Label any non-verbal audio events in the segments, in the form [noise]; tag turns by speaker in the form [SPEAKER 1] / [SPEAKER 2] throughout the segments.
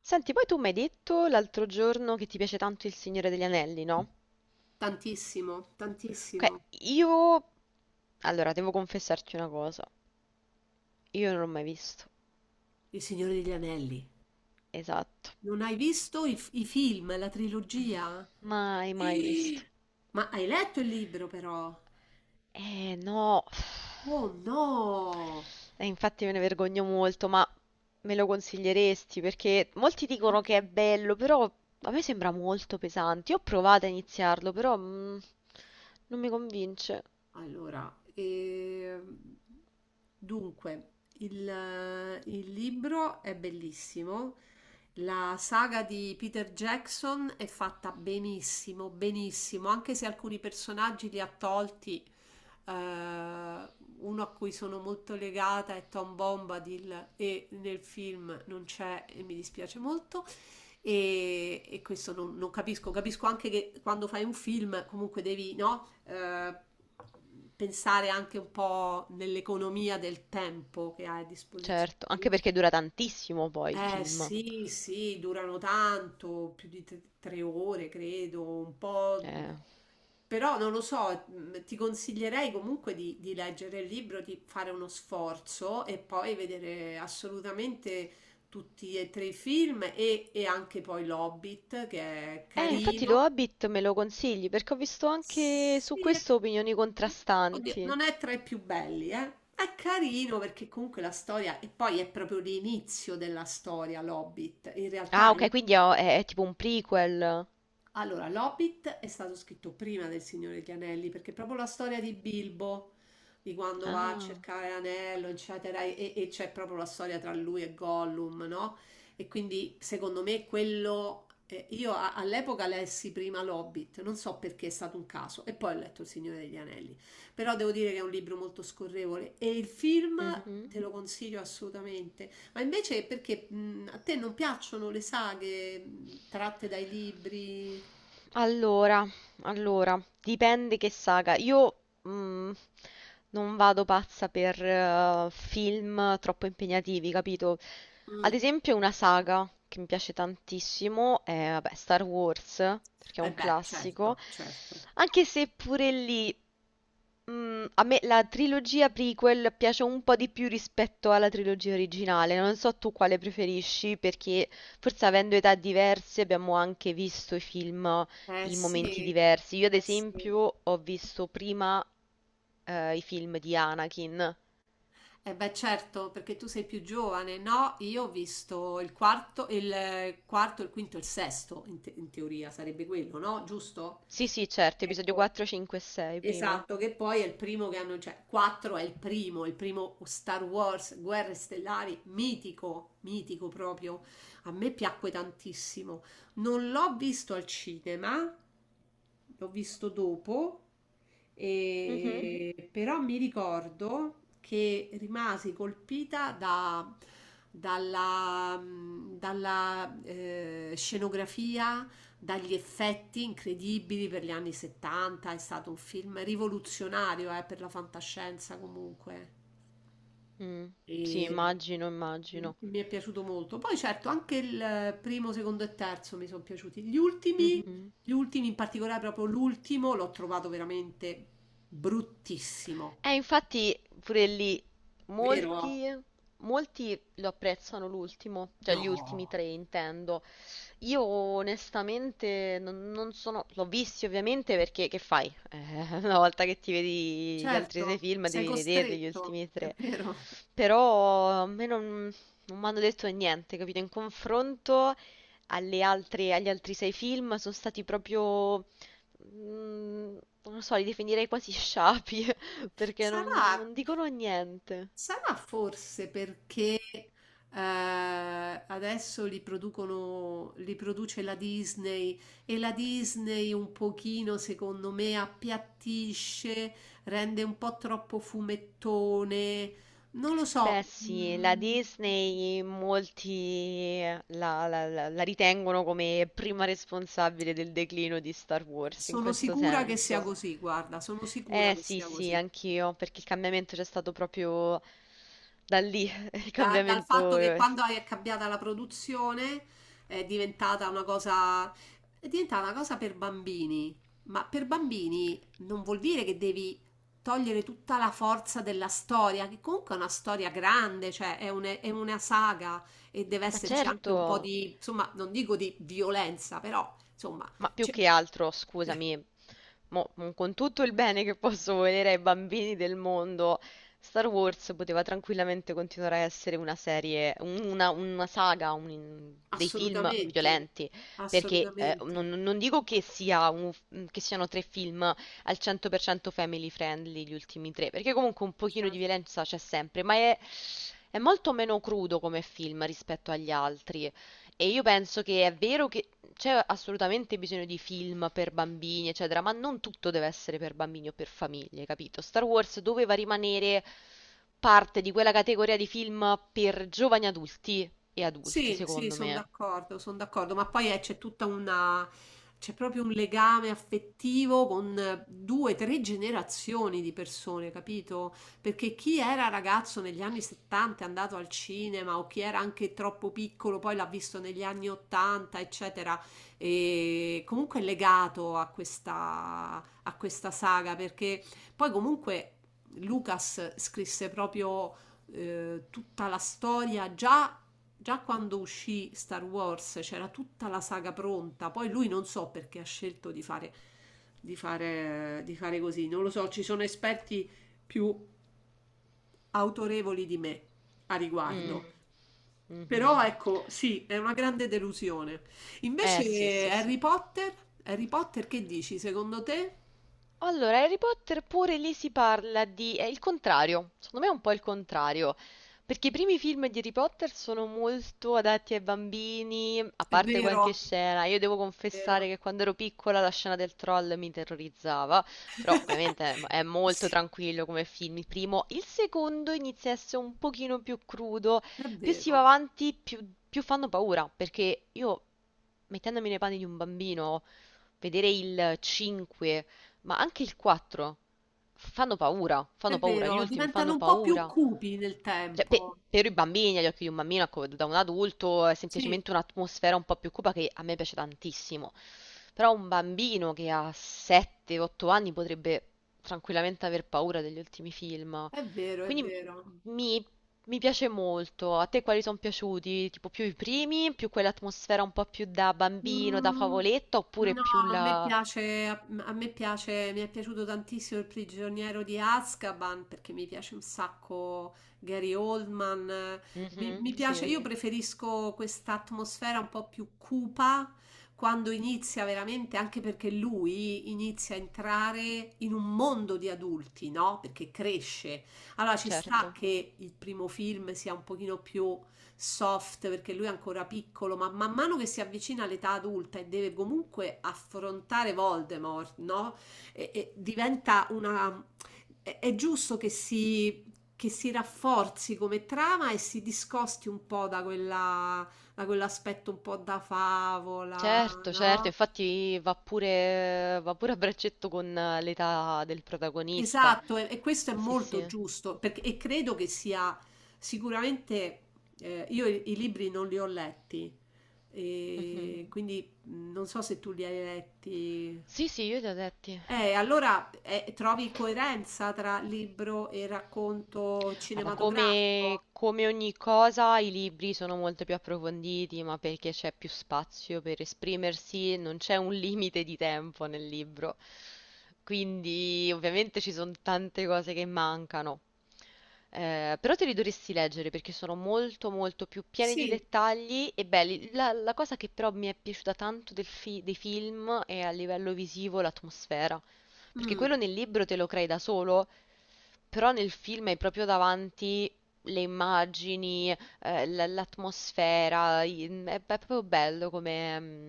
[SPEAKER 1] Senti, poi tu mi hai detto l'altro giorno che ti piace tanto Il Signore degli Anelli, no?
[SPEAKER 2] Tantissimo,
[SPEAKER 1] Ok.
[SPEAKER 2] tantissimo.
[SPEAKER 1] io... Allora, devo confessarti una cosa. Io non l'ho mai visto.
[SPEAKER 2] Il Signore degli Anelli.
[SPEAKER 1] Esatto.
[SPEAKER 2] Non hai visto i film, la trilogia?
[SPEAKER 1] Mai,
[SPEAKER 2] [gasps]
[SPEAKER 1] mai visto.
[SPEAKER 2] Eh, Ma hai letto il libro però?
[SPEAKER 1] No.
[SPEAKER 2] Oh no!
[SPEAKER 1] Infatti me ne vergogno molto, ma me lo consiglieresti? Perché molti dicono che è bello, però a me sembra molto pesante. Io ho provato a iniziarlo, però non mi convince.
[SPEAKER 2] Allora, dunque, il libro è bellissimo. La saga di Peter Jackson è fatta benissimo, benissimo, anche se alcuni personaggi li ha tolti. eh, Uno a cui sono molto legata è Tom Bombadil e nel film non c'è e mi dispiace molto e questo non capisco. Capisco anche che quando fai un film comunque devi, no? Pensare anche un po' nell'economia del tempo che hai a disposizione
[SPEAKER 1] Certo,
[SPEAKER 2] per un
[SPEAKER 1] anche perché dura tantissimo poi il
[SPEAKER 2] eh
[SPEAKER 1] film.
[SPEAKER 2] sì, sì, durano tanto, più di tre ore credo, un po',
[SPEAKER 1] Eh,
[SPEAKER 2] però non lo so, ti consiglierei comunque di leggere il libro, di fare uno sforzo e poi vedere assolutamente tutti e tre i film e anche poi l'Hobbit, che è
[SPEAKER 1] Infatti lo
[SPEAKER 2] carino.
[SPEAKER 1] Hobbit me lo consigli perché ho visto anche su
[SPEAKER 2] Sì,
[SPEAKER 1] questo opinioni
[SPEAKER 2] oddio,
[SPEAKER 1] contrastanti.
[SPEAKER 2] non è tra i più belli, eh. È carino perché comunque la storia, e poi è proprio l'inizio della storia, l'Hobbit. In
[SPEAKER 1] Ah,
[SPEAKER 2] realtà è
[SPEAKER 1] ok, quindi è tipo un prequel.
[SPEAKER 2] allora, l'Hobbit è stato scritto prima del Signore degli Anelli, perché proprio la storia di Bilbo, di quando va a
[SPEAKER 1] Ah,
[SPEAKER 2] cercare l'anello, eccetera, e c'è proprio la storia tra lui e Gollum, no? E quindi, secondo me, quello. All'epoca lessi prima l'Hobbit, non so perché è stato un caso, e poi ho letto Il Signore degli Anelli. Però devo dire che è un libro molto scorrevole e il film
[SPEAKER 1] mhm.
[SPEAKER 2] te lo consiglio assolutamente. Ma invece perché a te non piacciono le saghe tratte dai libri?
[SPEAKER 1] Allora, allora, dipende che saga. Io mm, non vado pazza per film troppo impegnativi, capito?
[SPEAKER 2] Mm.
[SPEAKER 1] Ad esempio, una saga che mi piace tantissimo è, vabbè, Star Wars, perché è
[SPEAKER 2] Eh
[SPEAKER 1] un
[SPEAKER 2] beh,
[SPEAKER 1] classico.
[SPEAKER 2] certo, certo.
[SPEAKER 1] Anche se pure lì, a me la trilogia prequel piace un po' di più rispetto alla trilogia originale. Non so tu quale preferisci, perché forse avendo età diverse abbiamo anche visto i film
[SPEAKER 2] Eh
[SPEAKER 1] in momenti
[SPEAKER 2] sì,
[SPEAKER 1] diversi. Io ad
[SPEAKER 2] eh sì.
[SPEAKER 1] esempio ho visto prima i film di Anakin.
[SPEAKER 2] Eh beh, certo, perché tu sei più giovane, no? Io ho visto il quarto, il quarto, il quinto, il sesto, in teoria sarebbe quello, no? Giusto?
[SPEAKER 1] Sì, sì, certo, episodio
[SPEAKER 2] Ecco.
[SPEAKER 1] 4, 5 e 6 prima.
[SPEAKER 2] Esatto, che poi è il primo che hanno, cioè 4 è il primo Star Wars, Guerre Stellari, mitico, mitico proprio. A me piacque tantissimo. Non l'ho visto al cinema, l'ho visto dopo.
[SPEAKER 1] Mhm.
[SPEAKER 2] Mhm. Però mi ricordo che rimasi colpita dalla, dalla scenografia, dagli effetti incredibili per gli anni 70. È stato un film rivoluzionario, per la fantascienza comunque.
[SPEAKER 1] Mm, sì,
[SPEAKER 2] E...
[SPEAKER 1] immagino,
[SPEAKER 2] e
[SPEAKER 1] immagino.
[SPEAKER 2] Mi è piaciuto molto. Poi certo, anche il primo, secondo e terzo mi sono piaciuti.
[SPEAKER 1] Mhm.
[SPEAKER 2] Gli ultimi, in particolare proprio l'ultimo, l'ho trovato veramente bruttissimo.
[SPEAKER 1] Infatti pure lì
[SPEAKER 2] Vero?
[SPEAKER 1] molti, molti lo apprezzano l'ultimo, cioè gli ultimi
[SPEAKER 2] No.
[SPEAKER 1] tre intendo. Io onestamente non sono, l'ho visti ovviamente perché che fai? [laughs] Una volta che ti vedi gli altri sei
[SPEAKER 2] Certo,
[SPEAKER 1] film
[SPEAKER 2] sei
[SPEAKER 1] devi vederli gli
[SPEAKER 2] costretto,
[SPEAKER 1] ultimi
[SPEAKER 2] è
[SPEAKER 1] tre,
[SPEAKER 2] vero.
[SPEAKER 1] però a me non mi hanno detto niente, capito? In confronto alle altre, agli altri sei film sono stati proprio, mm, non lo so, li definirei quasi sciapi [laughs] perché
[SPEAKER 2] Sarà
[SPEAKER 1] non dicono niente.
[SPEAKER 2] Sarà forse perché eh, adesso li producono, li produce la Disney e la Disney un pochino, secondo me, appiattisce, rende un po' troppo fumettone. Non lo
[SPEAKER 1] Beh
[SPEAKER 2] so,
[SPEAKER 1] sì, la Disney molti la ritengono come prima responsabile del declino di Star Wars in
[SPEAKER 2] sono
[SPEAKER 1] questo
[SPEAKER 2] sicura che sia
[SPEAKER 1] senso.
[SPEAKER 2] così, guarda, sono sicura
[SPEAKER 1] Eh
[SPEAKER 2] che
[SPEAKER 1] sì,
[SPEAKER 2] sia
[SPEAKER 1] sì,
[SPEAKER 2] così.
[SPEAKER 1] anch'io, perché il cambiamento c'è stato proprio da lì. [laughs] il
[SPEAKER 2] Dal fatto
[SPEAKER 1] cambiamento...
[SPEAKER 2] che
[SPEAKER 1] eh, s-
[SPEAKER 2] quando è cambiata la produzione è diventata una cosa, è diventata una cosa per bambini. Ma per bambini non vuol dire che devi togliere tutta la forza della storia, che comunque è una storia grande, cioè è, è una saga e deve
[SPEAKER 1] Ma
[SPEAKER 2] esserci anche un po'
[SPEAKER 1] certo,
[SPEAKER 2] di, insomma, non dico di violenza, però insomma,
[SPEAKER 1] ma più
[SPEAKER 2] c'è-
[SPEAKER 1] che altro, scusami, con tutto il bene che posso volere ai bambini del mondo, Star Wars poteva tranquillamente continuare a essere una serie, una saga, dei film
[SPEAKER 2] assolutamente,
[SPEAKER 1] violenti, perché
[SPEAKER 2] assolutamente,
[SPEAKER 1] non dico che siano tre film al 100% family friendly, gli ultimi tre, perché comunque un pochino di
[SPEAKER 2] certo.
[SPEAKER 1] violenza c'è sempre, ma è molto meno crudo come film rispetto agli altri, e io penso che è vero che c'è assolutamente bisogno di film per bambini, eccetera, ma non tutto deve essere per bambini o per famiglie, capito? Star Wars doveva rimanere parte di quella categoria di film per giovani adulti e adulti,
[SPEAKER 2] Sì, sì,
[SPEAKER 1] secondo me.
[SPEAKER 2] sono d'accordo, ma poi c'è tutta una, c'è proprio un legame affettivo con due, tre generazioni di persone, capito? Perché chi era ragazzo negli anni 70 è andato al cinema o chi era anche troppo piccolo poi l'ha visto negli anni 80, eccetera, e comunque è legato a questa saga, perché poi comunque Lucas scrisse proprio tutta la storia già. Già quando uscì Star Wars c'era tutta la saga pronta, poi lui non so perché ha scelto di fare, di fare così, non lo so, ci sono esperti più autorevoli di me a
[SPEAKER 1] Mm,
[SPEAKER 2] riguardo.
[SPEAKER 1] mhm.
[SPEAKER 2] Però ecco, sì, è una grande delusione.
[SPEAKER 1] Eh sì,
[SPEAKER 2] Invece
[SPEAKER 1] sì, sì.
[SPEAKER 2] Harry Potter, Harry Potter che dici? Secondo te?
[SPEAKER 1] Allora, Harry Potter pure lì si parla di, è il contrario, secondo me è un po' il contrario, perché i primi film di Harry Potter sono molto adatti ai bambini, a
[SPEAKER 2] È
[SPEAKER 1] parte qualche
[SPEAKER 2] vero,
[SPEAKER 1] scena. Io devo
[SPEAKER 2] è
[SPEAKER 1] confessare
[SPEAKER 2] vero.
[SPEAKER 1] che quando ero piccola la scena del troll mi terrorizzava, però ovviamente è
[SPEAKER 2] [laughs]
[SPEAKER 1] è molto
[SPEAKER 2] Sì,
[SPEAKER 1] tranquillo come film il primo. Il secondo inizia a essere un pochino più crudo,
[SPEAKER 2] è
[SPEAKER 1] più si va
[SPEAKER 2] vero,
[SPEAKER 1] avanti più fanno paura, perché io, mettendomi nei panni di un bambino, vedere il 5, ma anche il 4,
[SPEAKER 2] è
[SPEAKER 1] fanno paura, gli
[SPEAKER 2] vero,
[SPEAKER 1] ultimi
[SPEAKER 2] diventano
[SPEAKER 1] fanno
[SPEAKER 2] un po' più
[SPEAKER 1] paura.
[SPEAKER 2] cupi nel
[SPEAKER 1] Cioè,
[SPEAKER 2] tempo.
[SPEAKER 1] per i bambini, agli occhi di un bambino, ecco, da un adulto è
[SPEAKER 2] Sì,
[SPEAKER 1] semplicemente un'atmosfera un po' più cupa che a me piace tantissimo. Però un bambino che ha 7-8 anni potrebbe tranquillamente aver paura degli ultimi film.
[SPEAKER 2] è vero, è
[SPEAKER 1] Quindi
[SPEAKER 2] vero.
[SPEAKER 1] mi, mi piace molto. A te quali sono piaciuti? Tipo più i primi, più quell'atmosfera un po' più da bambino, da
[SPEAKER 2] Mm,
[SPEAKER 1] favoletto, oppure
[SPEAKER 2] no,
[SPEAKER 1] più
[SPEAKER 2] a me
[SPEAKER 1] la.
[SPEAKER 2] piace, a me piace, mi è piaciuto tantissimo Il prigioniero di Azkaban perché mi piace un sacco Gary Oldman. Mi,
[SPEAKER 1] Mhm,
[SPEAKER 2] mi piace,
[SPEAKER 1] sì,
[SPEAKER 2] io preferisco questa atmosfera un po' più cupa quando inizia veramente, anche perché lui inizia a entrare in un mondo di adulti, no? Perché cresce. Allora ci sta
[SPEAKER 1] certo.
[SPEAKER 2] che il primo film sia un pochino più soft perché lui è ancora piccolo, ma man mano che si avvicina all'età adulta e deve comunque affrontare Voldemort, no? E diventa una. È giusto che che si rafforzi come trama e si discosti un po' da quella, da quell'aspetto un po' da favola,
[SPEAKER 1] Certo, certo,
[SPEAKER 2] no?
[SPEAKER 1] infatti va pure a braccetto con l'età del protagonista.
[SPEAKER 2] Esatto, e questo è
[SPEAKER 1] Sì,
[SPEAKER 2] molto
[SPEAKER 1] sì.
[SPEAKER 2] giusto, perché, e credo che sia sicuramente. Io i libri non li ho letti,
[SPEAKER 1] Mhm.
[SPEAKER 2] e quindi non so se tu li hai letti.
[SPEAKER 1] Sì, sì, io li ho letti.
[SPEAKER 2] Allora trovi coerenza tra libro e racconto
[SPEAKER 1] Guarda, come,
[SPEAKER 2] cinematografico?
[SPEAKER 1] come ogni cosa, i libri sono molto più approfonditi, ma perché c'è più spazio per esprimersi, non c'è un limite di tempo nel libro. Quindi, ovviamente ci sono tante cose che mancano. Però te li dovresti leggere perché sono molto molto più pieni di
[SPEAKER 2] Sì.
[SPEAKER 1] dettagli e belli. La cosa che però mi è piaciuta tanto dei film è a livello visivo l'atmosfera. Perché
[SPEAKER 2] Mm,
[SPEAKER 1] quello nel libro te lo crei da solo, però nel film hai proprio davanti le immagini, l'atmosfera, è proprio bello come, mm,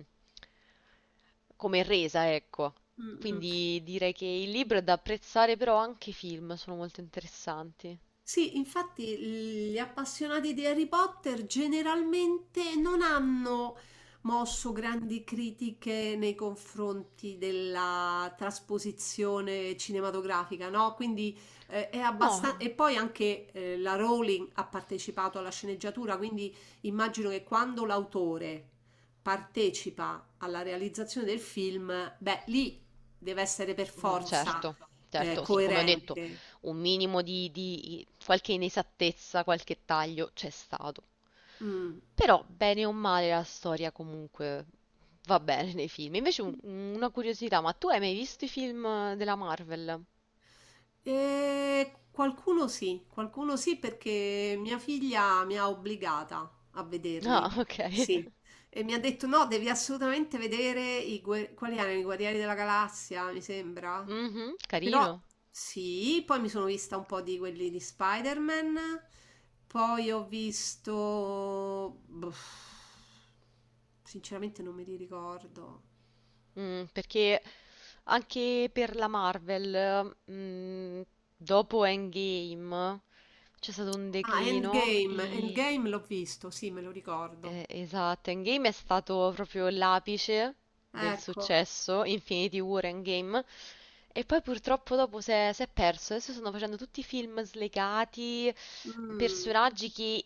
[SPEAKER 1] come resa, ecco.
[SPEAKER 2] mm, mm.
[SPEAKER 1] Quindi direi che il libro è da apprezzare, però anche i film sono molto interessanti.
[SPEAKER 2] Sì, infatti gli appassionati di Harry Potter generalmente non hanno mosso grandi critiche nei confronti della trasposizione cinematografica, no? Quindi è
[SPEAKER 1] No,
[SPEAKER 2] abbastanza. E poi anche la Rowling ha partecipato alla sceneggiatura, quindi immagino che quando l'autore partecipa alla realizzazione del film, beh, lì deve essere per forza
[SPEAKER 1] certo, certo, sì, come ho detto,
[SPEAKER 2] coerente.
[SPEAKER 1] un minimo di qualche inesattezza, qualche taglio c'è stato.
[SPEAKER 2] Mm.
[SPEAKER 1] Però, bene o male, la storia comunque va bene nei film. Invece una curiosità, ma tu hai mai visto i film della Marvel?
[SPEAKER 2] Qualcuno sì, qualcuno sì perché mia figlia mi ha obbligata a vederli.
[SPEAKER 1] Ah,
[SPEAKER 2] Mhm.
[SPEAKER 1] ok.
[SPEAKER 2] Sì,
[SPEAKER 1] [laughs]
[SPEAKER 2] e mi ha detto no, devi assolutamente vedere quali erano i Guerrieri della Galassia, mi sembra.
[SPEAKER 1] Mhm,
[SPEAKER 2] Però
[SPEAKER 1] carino.
[SPEAKER 2] sì, poi mi sono vista un po' di quelli di Spider-Man, poi ho visto, boh, sinceramente non me li ricordo.
[SPEAKER 1] Perché anche per la Marvel, dopo Endgame c'è stato un
[SPEAKER 2] Ah,
[SPEAKER 1] declino.
[SPEAKER 2] Endgame,
[SPEAKER 1] E
[SPEAKER 2] Endgame l'ho visto, sì, me lo ricordo.
[SPEAKER 1] Esatto, Endgame è stato proprio l'apice del
[SPEAKER 2] Ecco.
[SPEAKER 1] successo, Infinity War Endgame, e poi purtroppo dopo si è perso. Adesso stanno facendo tutti film slegati,
[SPEAKER 2] Mm.
[SPEAKER 1] personaggi che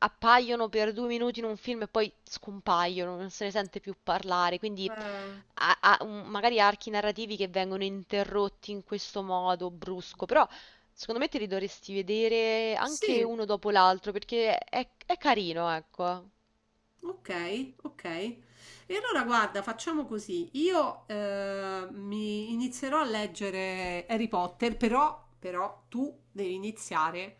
[SPEAKER 1] appaiono per due minuti in un film e poi scompaiono, non se ne sente più parlare, quindi
[SPEAKER 2] eh,
[SPEAKER 1] magari archi narrativi che vengono interrotti in questo modo brusco, però. Secondo me te li dovresti vedere anche
[SPEAKER 2] sì.
[SPEAKER 1] uno dopo l'altro perché è carino, ecco.
[SPEAKER 2] Ok, ok. E allora guarda, facciamo così. Io mi inizierò a leggere Harry Potter, però tu devi iniziare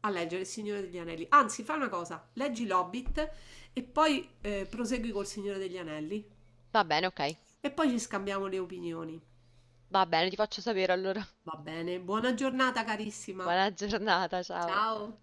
[SPEAKER 2] a leggere Il Signore degli Anelli. Anzi, fai una cosa, leggi L'Hobbit e poi prosegui col Signore degli Anelli
[SPEAKER 1] Va bene, ok.
[SPEAKER 2] e poi ci scambiamo le opinioni.
[SPEAKER 1] Va bene, ti faccio sapere allora.
[SPEAKER 2] Va bene, buona giornata
[SPEAKER 1] [laughs]
[SPEAKER 2] carissima.
[SPEAKER 1] Buona giornata, ciao.
[SPEAKER 2] Ciao.